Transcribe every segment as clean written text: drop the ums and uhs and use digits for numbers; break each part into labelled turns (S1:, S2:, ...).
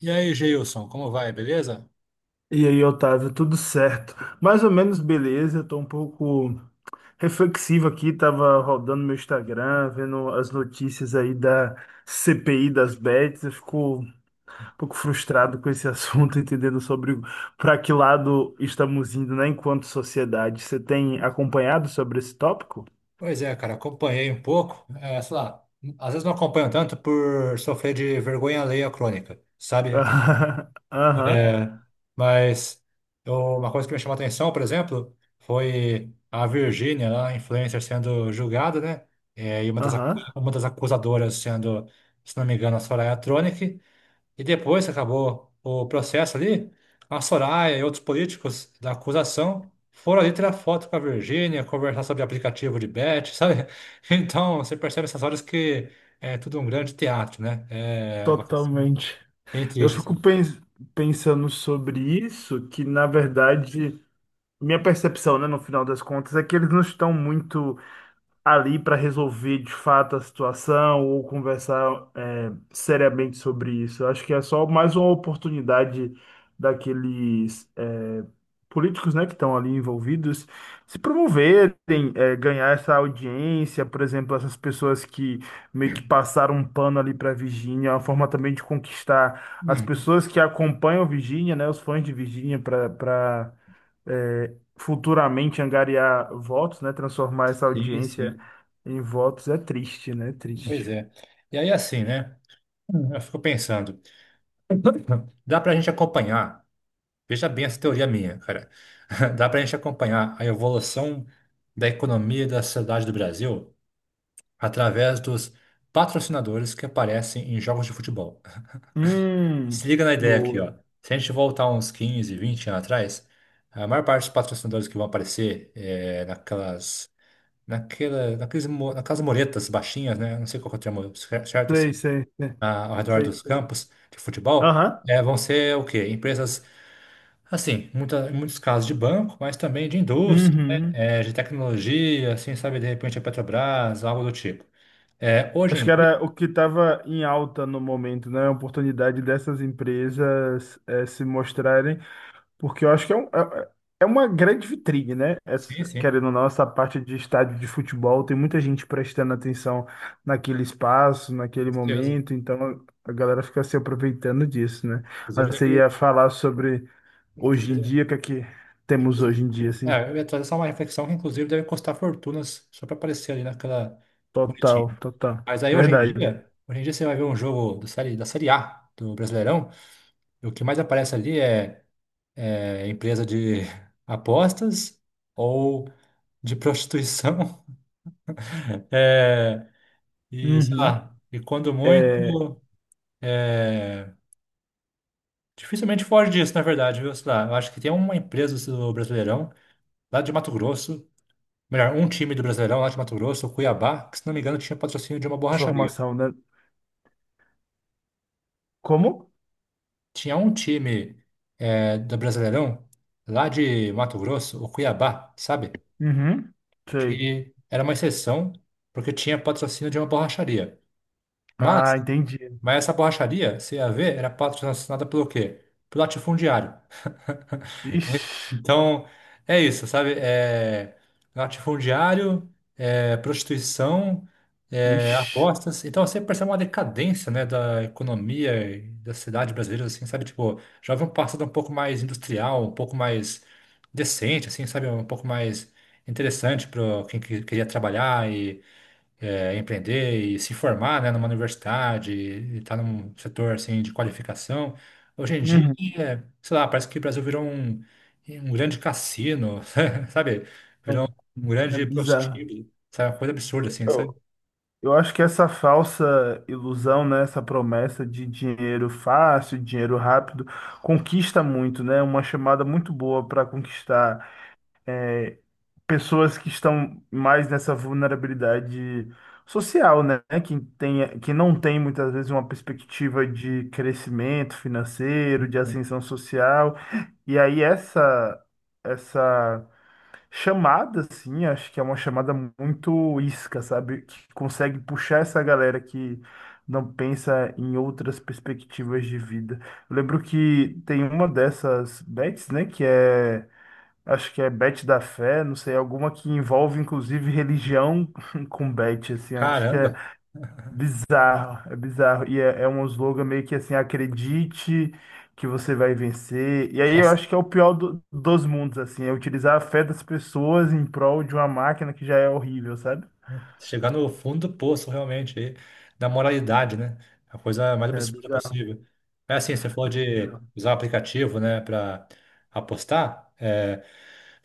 S1: E aí, Geilson, como vai? Beleza?
S2: E aí, Otávio, tudo certo? Mais ou menos beleza, eu tô um pouco reflexivo aqui, tava rodando meu Instagram, vendo as notícias aí da CPI das bets, eu fico um pouco frustrado com esse assunto, entendendo sobre para que lado estamos indo, né, enquanto sociedade. Você tem acompanhado sobre esse tópico?
S1: Pois é, cara, acompanhei um pouco. É, sei lá, às vezes não acompanho tanto por sofrer de vergonha alheia crônica, sabe?
S2: Aham,
S1: É, mas uma coisa que me chamou a atenção, por exemplo, foi a Virgínia, lá, a influencer, sendo julgada, né? É, e uma
S2: aham,
S1: uma das acusadoras sendo, se não me engano, a Soraya Tronic. E depois que acabou o processo ali, a Soraya e outros políticos da acusação foram ali tirar foto com a Virgínia, conversar sobre aplicativo de bet, sabe? Então, você percebe essas horas que é tudo um grande teatro, né? É uma coisa
S2: totalmente.
S1: bem
S2: Eu
S1: triste,
S2: fico
S1: assim.
S2: pensando sobre isso, que na verdade. Minha percepção, né, no final das contas, é que eles não estão muito ali para resolver de fato a situação ou conversar seriamente sobre isso. Eu acho que é só mais uma oportunidade daqueles políticos, né, que estão ali envolvidos se promoverem, ganhar essa audiência, por exemplo, essas pessoas que meio que passaram um pano ali para Virgínia, é uma forma também de conquistar as
S1: Hum,
S2: pessoas que acompanham Virgínia, né, os fãs de Virgínia para futuramente angariar votos, né? Transformar essa
S1: sim,
S2: audiência
S1: sim.
S2: em votos é triste, né?
S1: Pois
S2: Triste.
S1: é. E aí, assim, né? Eu fico pensando, dá pra gente acompanhar, veja bem essa teoria minha, cara, dá pra gente acompanhar a evolução da economia e da sociedade do Brasil através dos patrocinadores que aparecem em jogos de futebol. Se
S2: Hum,
S1: liga na ideia aqui,
S2: boa.
S1: ó. Se a gente voltar uns 15, 20 anos atrás, a maior parte dos patrocinadores que vão aparecer é naquelas, naquela, naqueles, mo- naquelas muretas baixinhas, né? Não sei qual que é o termo certo, assim,
S2: Sei, sei, sei.
S1: ao redor
S2: Sei,
S1: dos
S2: sei.
S1: campos de futebol,
S2: Aham.
S1: é, vão ser o quê? Empresas, assim, muita, em muitos casos de banco, mas também de indústria, né?
S2: Uhum.
S1: É, de tecnologia, assim, sabe? De repente a Petrobras, algo do tipo. É, hoje
S2: Acho
S1: em
S2: que
S1: dia,
S2: era o que estava em alta no momento, né? A oportunidade dessas empresas se mostrarem. Porque eu acho que é uma grande vitrine, né?
S1: sim,
S2: Essa,
S1: sim.
S2: querendo ou não, essa parte de estádio de futebol, tem muita gente prestando atenção naquele espaço, naquele
S1: Certeza.
S2: momento, então a galera fica se aproveitando disso, né? Ah,
S1: Inclusive,
S2: você ia falar sobre hoje em
S1: inclusive,
S2: dia, o que é que temos
S1: inclusive-
S2: hoje em dia, assim?
S1: é, eu ia trazer só uma reflexão que, inclusive, deve custar fortunas só para aparecer ali naquela bonitinha.
S2: Total, total.
S1: Mas aí,
S2: Verdade.
S1: hoje em dia você vai ver um jogo da série A do Brasileirão, e o que mais aparece ali é, é empresa de apostas ou de prostituição. É, e, sei
S2: Uhum.
S1: lá, e quando
S2: É,
S1: muito, é, dificilmente foge disso, na verdade, viu? Sei lá, eu acho que tem uma empresa do Brasileirão, lá de Mato Grosso, melhor, um time do Brasileirão lá de Mato Grosso, o Cuiabá, que se não me engano tinha patrocínio de uma borracharia.
S2: formação, né? Como?
S1: Tinha um time eh, do Brasileirão lá de Mato Grosso, o Cuiabá, sabe?
S2: Uhum. Sei.
S1: Que era uma exceção porque tinha patrocínio de uma borracharia. Mas,
S2: Ah, entendi.
S1: mas essa borracharia, você ia ver, era patrocinada pelo quê? Pelo latifundiário.
S2: Ixi,
S1: Então, é isso, sabe? É latifundiário, é prostituição, é
S2: ixi.
S1: apostas. Então, você percebe uma decadência, né, da economia e da cidade brasileira, assim, sabe? Tipo, já havia um passado um pouco mais industrial, um pouco mais decente, assim, sabe? Um pouco mais interessante para queria trabalhar é, empreender e se formar, né, numa universidade, e estar num setor assim de qualificação. Hoje em dia,
S2: Uhum.
S1: é, sei lá, parece que o Brasil virou um, um grande cassino, sabe? Virou um
S2: É
S1: grande
S2: bizarro.
S1: prostíbulo, sabe? Uma coisa absurda assim, sabe?
S2: Eu, eu acho que essa falsa ilusão, né, essa promessa de dinheiro fácil, dinheiro rápido, conquista muito, né? Uma chamada muito boa para conquistar é, pessoas que estão mais nessa vulnerabilidade social, né? Que tem, que não tem muitas vezes uma perspectiva de crescimento financeiro, de ascensão social. E aí essa essa chamada, assim, acho que é uma chamada muito isca, sabe? Que consegue puxar essa galera que não pensa em outras perspectivas de vida. Eu lembro que tem uma dessas bets, né, acho que é bet da fé, não sei, alguma que envolve inclusive religião com bet, assim, acho que é
S1: Caramba,
S2: bizarro, é bizarro. E é um slogan meio que assim, acredite que você vai vencer. E aí eu
S1: nossa,
S2: acho que é o pior dos mundos, assim, é utilizar a fé das pessoas em prol de uma máquina que já é horrível, sabe?
S1: chegar no fundo do poço realmente aí, da moralidade, né? A coisa mais
S2: É
S1: absurda
S2: bizarro,
S1: possível. É assim, você falou
S2: é
S1: de
S2: bizarro.
S1: usar o aplicativo, né, para apostar. É,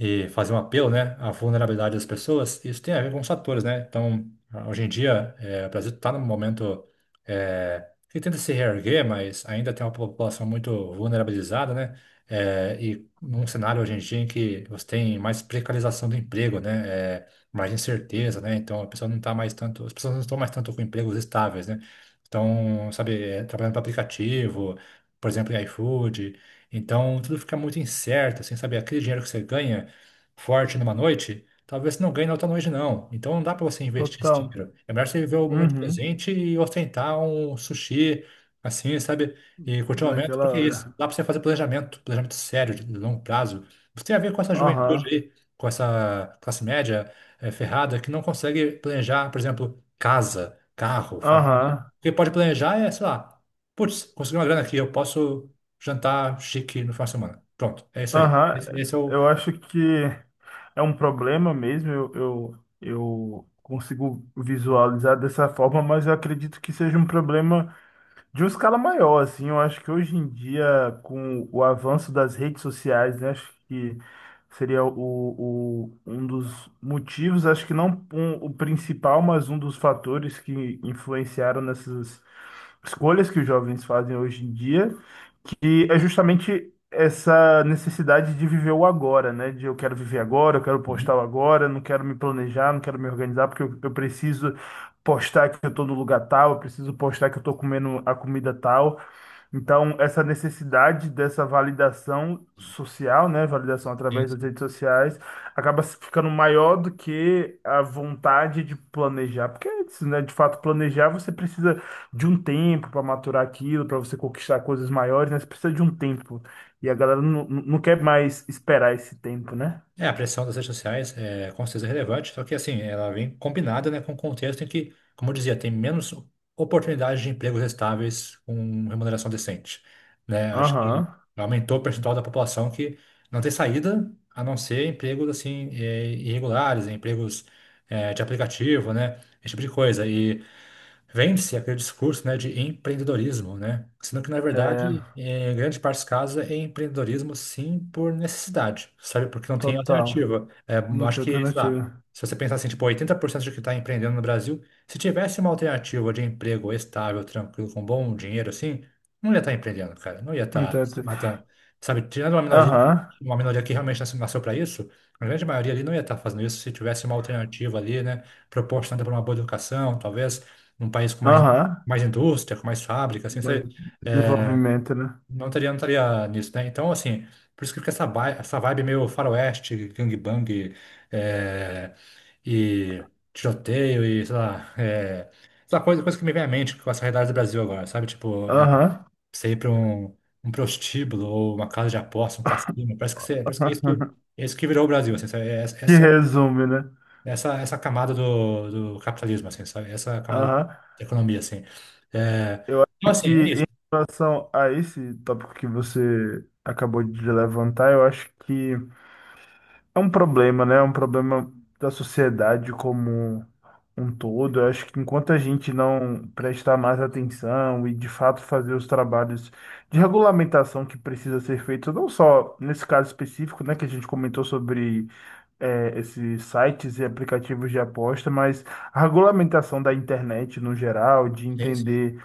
S1: e fazer um apelo, né, à vulnerabilidade das pessoas, isso tem a ver com os fatores, né? Então, hoje em dia, eh, o Brasil está num momento eh, que tenta se reerguer, mas ainda tem uma população muito vulnerabilizada, né? Eh, e num cenário hoje em dia em que você tem mais precarização do emprego, né? Eh, mais incerteza, né? Então, a pessoa não tá mais tanto, as pessoas não estão mais tanto com empregos estáveis, né? Então, sabe, eh, trabalhando para aplicativo, por exemplo, em iFood. Então, tudo fica muito incerto, assim, sabe? Aquele dinheiro que você ganha forte numa noite, talvez você não ganhe na outra noite, não. Então não dá para você investir esse
S2: Total.
S1: dinheiro. É melhor você viver o momento
S2: Uhum,
S1: presente e ostentar um sushi, assim, sabe? E curtir o momento,
S2: naquela
S1: porque é isso.
S2: hora.
S1: Dá para você fazer planejamento, planejamento sério, de longo prazo. Você tem a ver com essa juventude
S2: Aham,
S1: aí, com essa classe média eh, ferrada que não consegue planejar, por exemplo, casa, carro, família. O
S2: aham,
S1: que pode planejar é, sei lá, putz, consegui uma grana aqui, eu posso jantar chique no final de semana. Pronto, é isso aí.
S2: aham.
S1: Esse é o.
S2: Eu acho que é um problema mesmo, eu consigo visualizar dessa forma, mas eu acredito que seja um problema de uma escala maior, assim, eu acho que hoje em dia, com o avanço das redes sociais, né, acho que seria um dos motivos, acho que não o principal, mas um dos fatores que influenciaram nessas escolhas que os jovens fazem hoje em dia que é justamente essa necessidade de viver o agora, né? De eu quero viver agora, eu quero postar o agora, não quero me planejar, não quero me organizar, porque eu preciso postar que eu tô no lugar tal, eu preciso postar que eu tô comendo a comida tal. Então, essa necessidade dessa validação social, né, validação através das
S1: Uhum.
S2: redes sociais, acaba se ficando maior do que a vontade de planejar, porque é isso, né, de fato, planejar você precisa de um tempo para maturar aquilo, para você conquistar coisas maiores, né? Você precisa de um tempo. E a galera não quer mais esperar esse tempo, né?
S1: É, a pressão das redes sociais é com certeza relevante, só que assim, ela vem combinada, né, com o contexto em que, como eu dizia, tem menos oportunidades de empregos estáveis com remuneração decente, né? Acho que
S2: Aham.
S1: aumentou o percentual da população que não tem saída, a não ser empregos assim eh, irregulares, né, empregos eh, de aplicativo, né, esse tipo de coisa. E vende-se aquele discurso, né, de empreendedorismo, né? Sendo que, na
S2: É,
S1: verdade, em grande parte dos casos, é empreendedorismo, sim, por necessidade, sabe? Porque não tem
S2: total.
S1: alternativa. É,
S2: Não
S1: acho
S2: tem
S1: que, sei lá,
S2: alternativa.
S1: se você pensar assim, tipo, 80% de que está empreendendo no Brasil, se tivesse uma alternativa de emprego estável, tranquilo, com bom dinheiro, assim, não ia estar empreendendo, cara. Não ia
S2: Não
S1: estar
S2: tem
S1: se
S2: alter-
S1: matando. Sabe? Tirando
S2: Aham.
S1: uma minoria que realmente nasceu para isso, a grande maioria ali não ia estar fazendo isso se tivesse uma alternativa ali, né? Proporcionada por uma boa educação, talvez num país com mais,
S2: Aham.
S1: mais indústria, com mais fábrica, assim,
S2: Mas
S1: sabe? É,
S2: desenvolvimento, né?
S1: não teria nisso, né? Então, assim, por isso que fica essa vibe meio faroeste, gangbang, é, e tiroteio e, sei lá, é, coisa que me vem à mente com essa realidade do Brasil agora, sabe? Tipo, é,
S2: Aham.
S1: você ir para um, um prostíbulo ou uma casa de aposta, um cassino, parece que, você, parece que é isso que, é isso que virou o Brasil, assim, sabe? É
S2: Que
S1: essa,
S2: resume, né?
S1: essa camada do capitalismo, assim, sabe? Essa camada
S2: Aham.
S1: de economia, assim. É,
S2: Eu
S1: então,
S2: acho
S1: assim,
S2: que
S1: é isso.
S2: em relação a esse tópico que você acabou de levantar, eu acho que é um problema, né? É um problema da sociedade como um todo. Eu acho que enquanto a gente não prestar mais atenção e de fato fazer os trabalhos de regulamentação que precisa ser feito, não só nesse caso específico, né, que a gente comentou sobre esses sites e aplicativos de aposta, mas a regulamentação da internet no geral, de
S1: Sim, sim,
S2: entender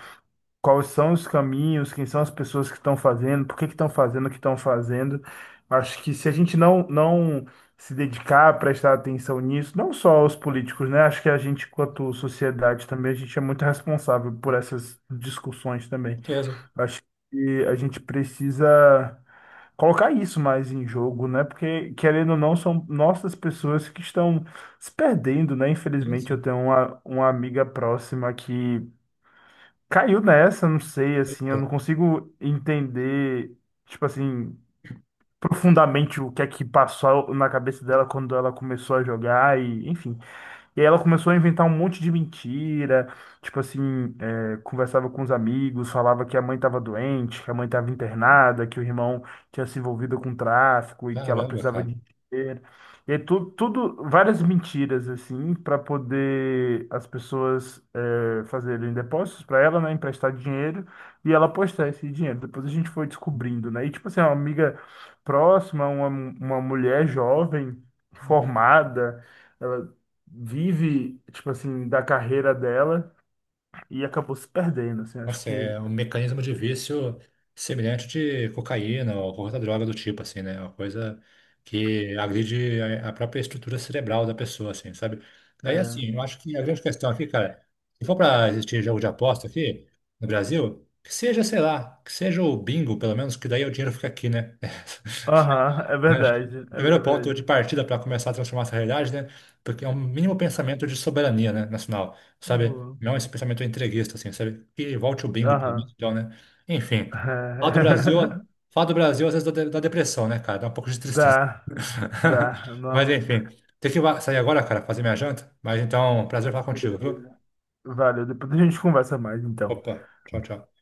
S2: quais são os caminhos, quem são as pessoas que estão fazendo, por que que estão fazendo o que estão fazendo. Acho que se a gente não se dedicar a prestar atenção nisso, não só os políticos, né? Acho que a gente, quanto sociedade também, a gente é muito responsável por essas discussões também.
S1: com certeza.
S2: Acho que a gente precisa colocar isso mais em jogo, né? Porque, querendo ou não, são nossas pessoas que estão se perdendo, né?
S1: Sim,
S2: Infelizmente, eu
S1: sim.
S2: tenho uma amiga próxima que caiu nessa, não sei, assim,
S1: Eita,
S2: eu não consigo entender, tipo assim, profundamente o que é que passou na cabeça dela quando ela começou a jogar e, enfim. E aí ela começou a inventar um monte de mentira, tipo assim, é, conversava com os amigos, falava que a mãe estava doente, que a mãe estava internada, que o irmão tinha se envolvido com tráfico e que ela
S1: caramba,
S2: precisava de
S1: cara.
S2: dinheiro. E aí tudo várias mentiras assim para poder as pessoas é, fazerem depósitos para ela, né, emprestar dinheiro e ela postar esse dinheiro. Depois a gente foi descobrindo, né? E tipo assim, é uma amiga próxima, uma mulher jovem, formada vive, tipo assim, da carreira dela e acabou se perdendo, assim, acho
S1: Nossa,
S2: que
S1: é um mecanismo de vício semelhante de cocaína ou qualquer outra droga do tipo, assim, né? É uma coisa que agride a própria estrutura cerebral da pessoa, assim, sabe? Daí,
S2: é.
S1: assim, eu acho que a grande questão aqui, cara, se for para existir jogo de aposta aqui no Brasil, que seja, sei lá, que seja o bingo, pelo menos, que daí o dinheiro fica aqui, né?
S2: Aham, é
S1: Né? Acho que
S2: verdade,
S1: o
S2: é
S1: primeiro ponto de
S2: verdade.
S1: partida para começar a transformar essa realidade, né? Porque é um mínimo pensamento de soberania, né, nacional, sabe?
S2: Boa.
S1: Não esse pensamento entreguista, assim, sabe? Que volte o bingo, pelo menos,
S2: Aham.
S1: então, né? Enfim, falar do
S2: É.
S1: Brasil, falar do Brasil às vezes dá depressão, né, cara? Dá um pouco de tristeza.
S2: Dá, dá,
S1: Mas,
S2: nossa.
S1: enfim, tem que sair agora, cara, fazer minha janta. Mas, então, prazer falar contigo, viu?
S2: Beleza. Valeu, depois a gente conversa mais, então.
S1: Opa, tchau, tchau.